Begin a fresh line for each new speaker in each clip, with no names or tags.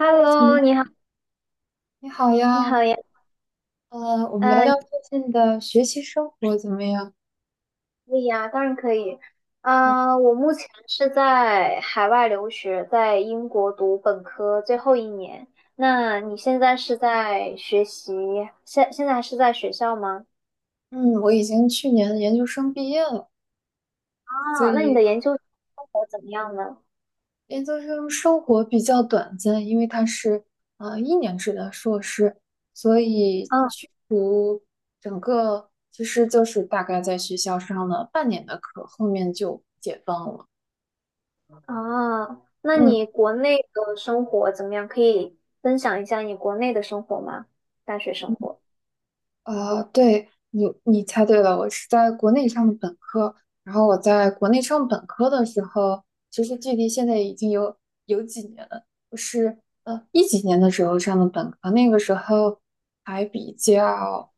Hello，姐
你
妹，
好，
你好
你
呀。
好呀，
呃，我们聊
呃，你
聊最近的学习生活怎么样？
可以呀，当然可以。
嗯
我目前是在海外留学，在英国读本科最后一年。那你现在是在学习，现在还是在学校吗？
嗯，我已经去年研究生毕业了，所
啊，那你
以
的研究生活怎么样呢？
研究生生活比较短暂，因为它是一年制的硕士，所以
嗯。
去读整个其实就是大概在学校上了半年的课，后面就解放了。
啊，那
嗯。
你国内的生活怎么样？可以分享一下你国内的生活吗？大学生活。
啊，对你，猜对了，我是在国内上的本科，然后我在国内上本科的时候，其实距离现在已经有几年了，我是一几年的时候上的本科，那个时候还比较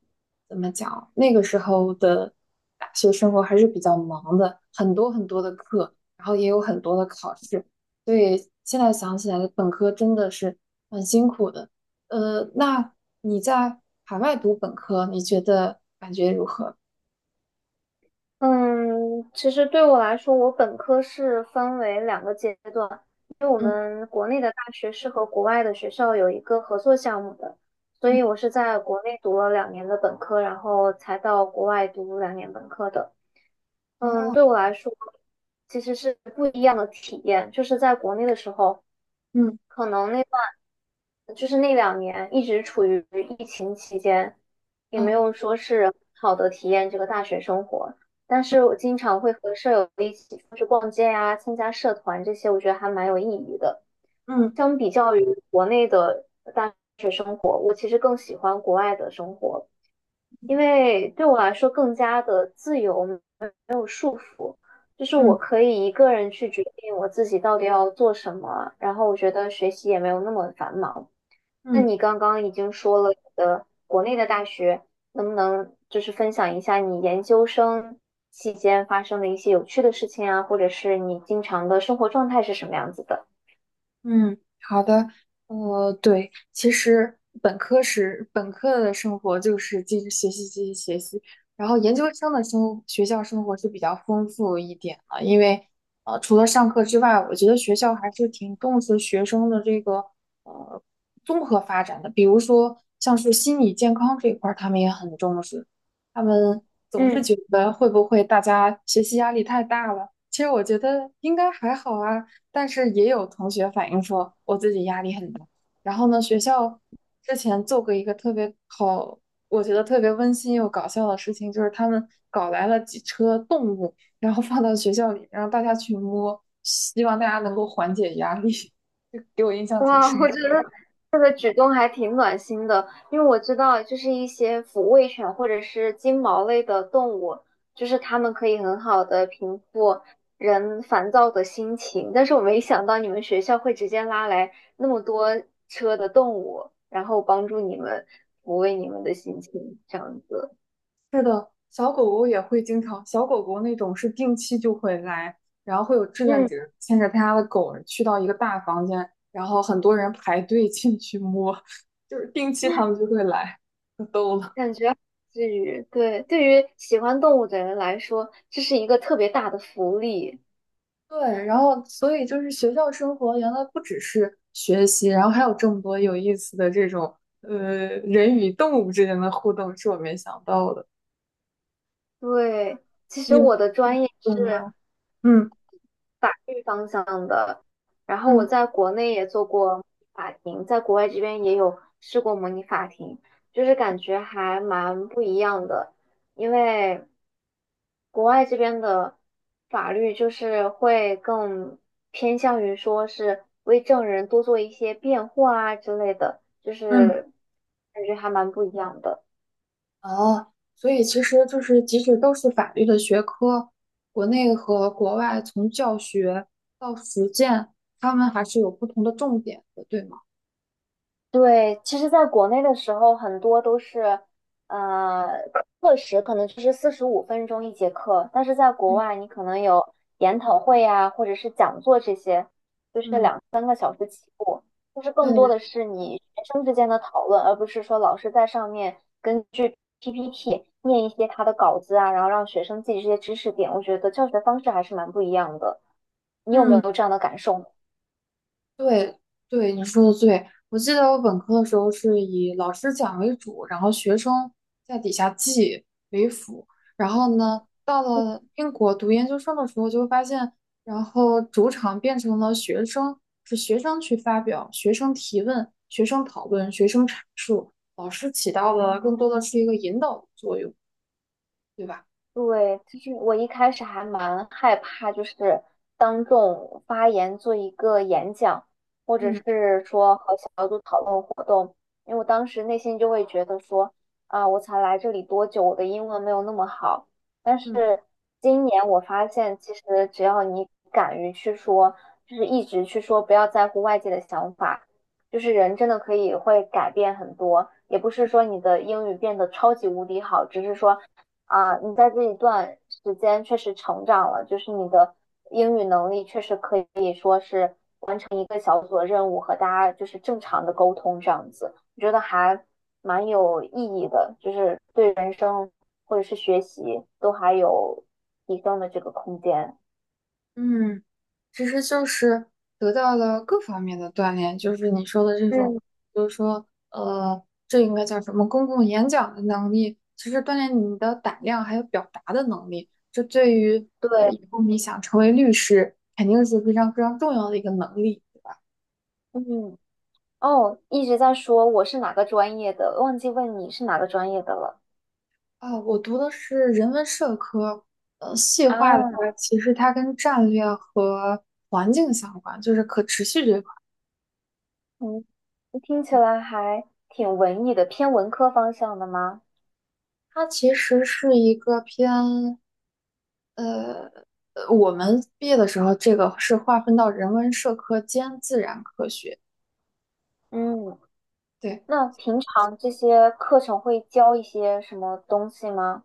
怎么讲，那个时候的大学生活还是比较忙的，很多的课，然后也有很多的考试，所以现在想起来，本科真的是很辛苦的。那你在海外读本科，你觉得感觉如何？
嗯，其实对我来说，我本科是分为2个阶段，因为我
嗯
们国内的大学是和国外的学校有一个合作项目的，所
嗯
以我是在国内读了两年的本科，然后才到国外读两年本科的。嗯，对我来说，其实是不一样的体验，就是在国内的时候，
嗯
可能那。就是那两年一直处于疫情期间，也没
哦
有说是很好的体验这个大学生活。但是我经常会和舍友一起出去逛街呀、参加社团这些，我觉得还蛮有意义的。
嗯
相比较于国内的生活，我其实更喜欢国外的生活，因为对我来说更加的自由，没有束缚，就是我
嗯
可以一个人去决定我自己到底要做什么，然后我觉得学习也没有那么繁忙。那
嗯。
你刚刚已经说了你的国内的大学，能不能就是分享一下你研究生期间发生的一些有趣的事情啊，或者是你经常的生活状态是什么样子的？
嗯，好的，对，其实本科的生活就是继续学习，继续学习，然后研究生的学校生活是比较丰富一点的，因为除了上课之外，我觉得学校还是挺重视学生的这个呃综合发展的，比如说像是心理健康这一块儿，他们也很重视，他们总是
嗯。
觉得会不会大家学习压力太大了。其实我觉得应该还好啊，但是也有同学反映说我自己压力很大。然后呢，学校之前做过一个特别好，我觉得特别温馨又搞笑的事情，就是他们搞来了几车动物，然后放到学校里，让大家去摸，希望大家能够缓解压力。就给我印象挺
哇，
深。
我觉得举动还挺暖心的，因为我知道，就是一些抚慰犬或者是金毛类的动物，就是它们可以很好的平复人烦躁的心情。但是我没想到你们学校会直接拉来那么多车的动物，然后帮助你们抚慰你们的心情，这样子。
是的，小狗狗也会经常，小狗狗那种是定期就会来，然后会有志愿
嗯。
者牵着他家的狗去到一个大房间，然后很多人排队进去摸，就是定期他们就会来，可逗了。
感觉对，对于喜欢动物的人来说，这是一个特别大的福利。
对，然后所以就是学校生活原来不只是学习，然后还有这么多有意思的这种人与动物之间的互动，是我没想到的。
对，其实
你们
我的专业
有
是。
吗？嗯
然后我
嗯
在国内也做过模拟法庭，在国外这边也有试过模拟法庭，就是感觉还蛮不一样的，因为国外这边的法律就是会更偏向于说是为证人多做一些辩护啊之类的，就
嗯。
是感觉还蛮不一样的。
哦，所以其实就是，即使都是法律的学科，国内和国外从教学到实践，他们还是有不同的重点的，对吗？
对，其实在国内的时候，很多都是，呃，课时可能就是45分钟一节课，但是在国
嗯
外，你可能有研讨会啊，或者是讲座这些，
嗯
就是更多
对，
的是你学生之间的讨论，而不是说老师在上面根据 PPT 念一些他的稿子啊，然后让学生记这些知识点。我觉得教学方式还是蛮不一样的，你有没有这样的感受呢？
对对，你说的对。我记得我本科的时候是以老师讲为主，然后学生在底下记为辅。然后呢，到了英国读研究生的时候，就会发现，然后主场变成了学生，是学生去发表、学生提问、学生讨论、学生阐述，老师起到了更多的是一个引导的作用，对吧？
对，其实我一开始还蛮害怕，就是当众发言做一个演讲，或者
嗯
是说和小组讨论活动，因为我当时内心就会觉得说，啊，我才来这里多久，我的英文没有那么好。但
嗯。
是今年我发现，其实只要你敢于去说，就是一直去说，不要在乎外界的想法，就是人真的可以会改变很多，也不是说你的英语变得超级无敌好，只是说。啊，你在这一段时间确实成长了，就是你的英语能力确实可以说是完成一个小组的任务和大家就是正常的沟通这样子，我觉得还蛮有意义的，就是对人生或者是学习都还有提升的这个空间。
嗯，其实就是得到了各方面的锻炼，就是你说的这种，
嗯，
比如说，这应该叫什么公共演讲的能力，其实锻炼你的胆量还有表达的能力，这对于
对，
以后你想成为律师，肯定是非常非常重要的一个能力
嗯，哦，一直在说我是哪个专业的，忘记问你是哪个专业的了
啊。我读的是人文社科，细
啊。
化的话，其实它跟战略和环境相关，就是可持续这一块儿，
嗯，听起来还挺文艺的，偏文科方向的吗？
它其实是一个偏。我们毕业的时候，这个是划分到人文社科兼自然科学。
嗯，
对，
那平常这些课程会教一些什么东西吗？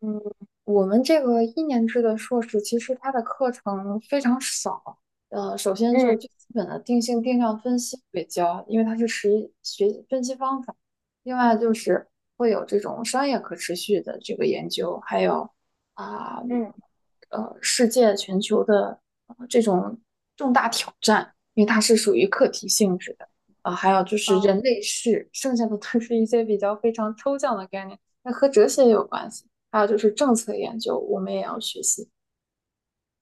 嗯，我们这个一年制的硕士，其实它的课程非常少。首先就是
嗯。
最基本的定性定量分析会教，因为它是实一学分析方法。另外就是会有这种商业可持续的这个研究，还有啊
嗯。
世界全球的、这种重大挑战，因为它是属于课题性质的。啊、还有就是
啊。
人类世，剩下的都是一些比较非常抽象的概念，那和哲学也有关系。还有就是政策研究，我们也要学习。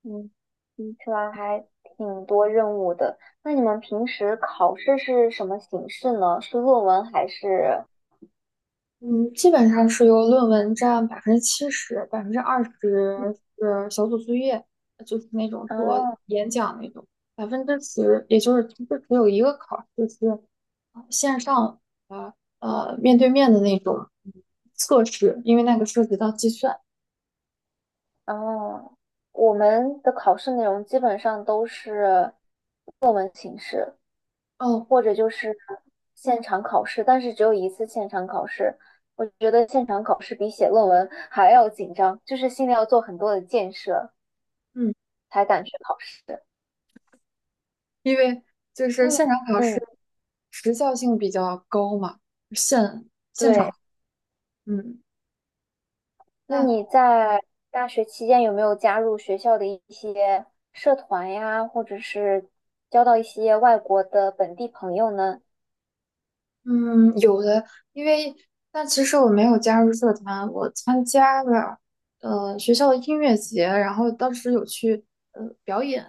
嗯，听起来还挺多任务的。那你们平时考试是什么形式呢？是论文还是？
嗯，基本上是由论文占70%，20%是小组作业，就是那种做
啊。
演讲那种，10%，也就是其实只有一个考试是线上呃面对面的那种测试，因为那个涉及到计算。
哦，我们的考试内容基本上都是论文形式。
哦，
或者就是现场考试，但是只有一次现场考试。我觉得现场考试比写论文还要紧张，就是心里要做很多的建设，
嗯，
才敢去考试。
因为就
那
是
你，
现场考试
嗯，
时效性比较高嘛，现
对，
场。嗯，
那
那
你在大学期间有没有加入学校的一些社团呀，或者是交到一些外国的本地朋友呢？
嗯，有的，因为但其实我没有加入社团，我参加了学校的音乐节，然后当时有去表演，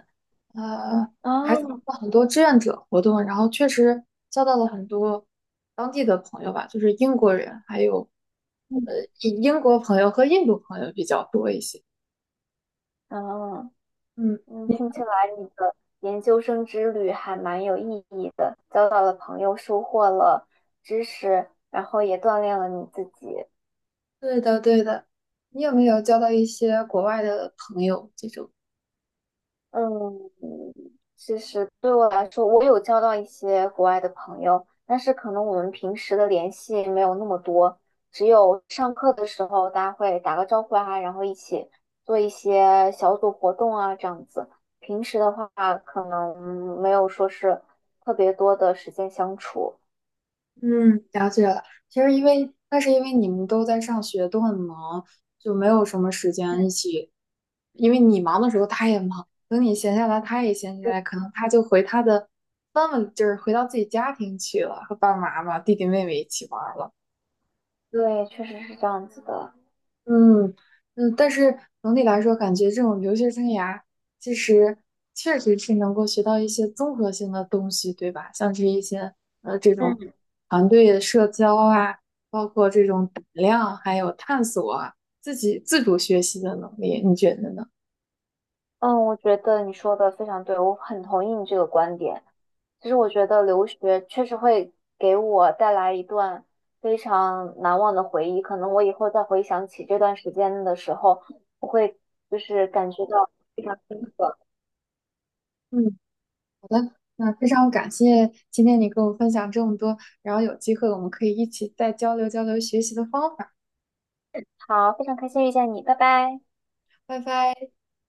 呃还参
哦。
加了很多志愿者活动，然后确实交到了很多当地的朋友吧，就是英国人，还有呃
嗯。
以英国朋友和印度朋友比较多一些。
哦。
嗯，
嗯，听起来你的研究生之旅还蛮有意义的，交到了朋友，收获了知识，然后也锻炼了你自己。
对的对的，你有没有交到一些国外的朋友这种？
嗯，其实对我来说，我有交到一些国外的朋友，但是可能我们平时的联系没有那么多，只有上课的时候大家会打个招呼啊，然后一起做一些小组活动啊，这样子。平时的话，可能没有说是特别多的时间相处。
嗯，了解了。其实因为那是因为你们都在上学，都很忙，就没有什么时间一起。因为你忙的时候，他也忙；等你闲下来，他也闲下来，可能他就回他的，那么就是回到自己家庭去了，和爸爸妈妈、弟弟妹妹一起玩儿了。
对，确实是这样子的。
嗯嗯，但是总体来说，感觉这种留学生涯其实确实是能够学到一些综合性的东西，对吧？像是一些这种
嗯。
团队社交啊，包括这种胆量，还有探索啊，自己自主学习的能力，你觉得呢？
嗯，我觉得你说的非常对，我很同意你这个观点。其实我觉得留学确实会给我带来一段非常难忘的回忆。可能我以后再回想起这段时间的时候，我会就是感觉到非常深刻。
嗯，那非常感谢今天你跟我分享这么多，然后有机会我们可以一起再交流交流学习的方法。
好，非常开心遇见你，拜拜。
拜拜。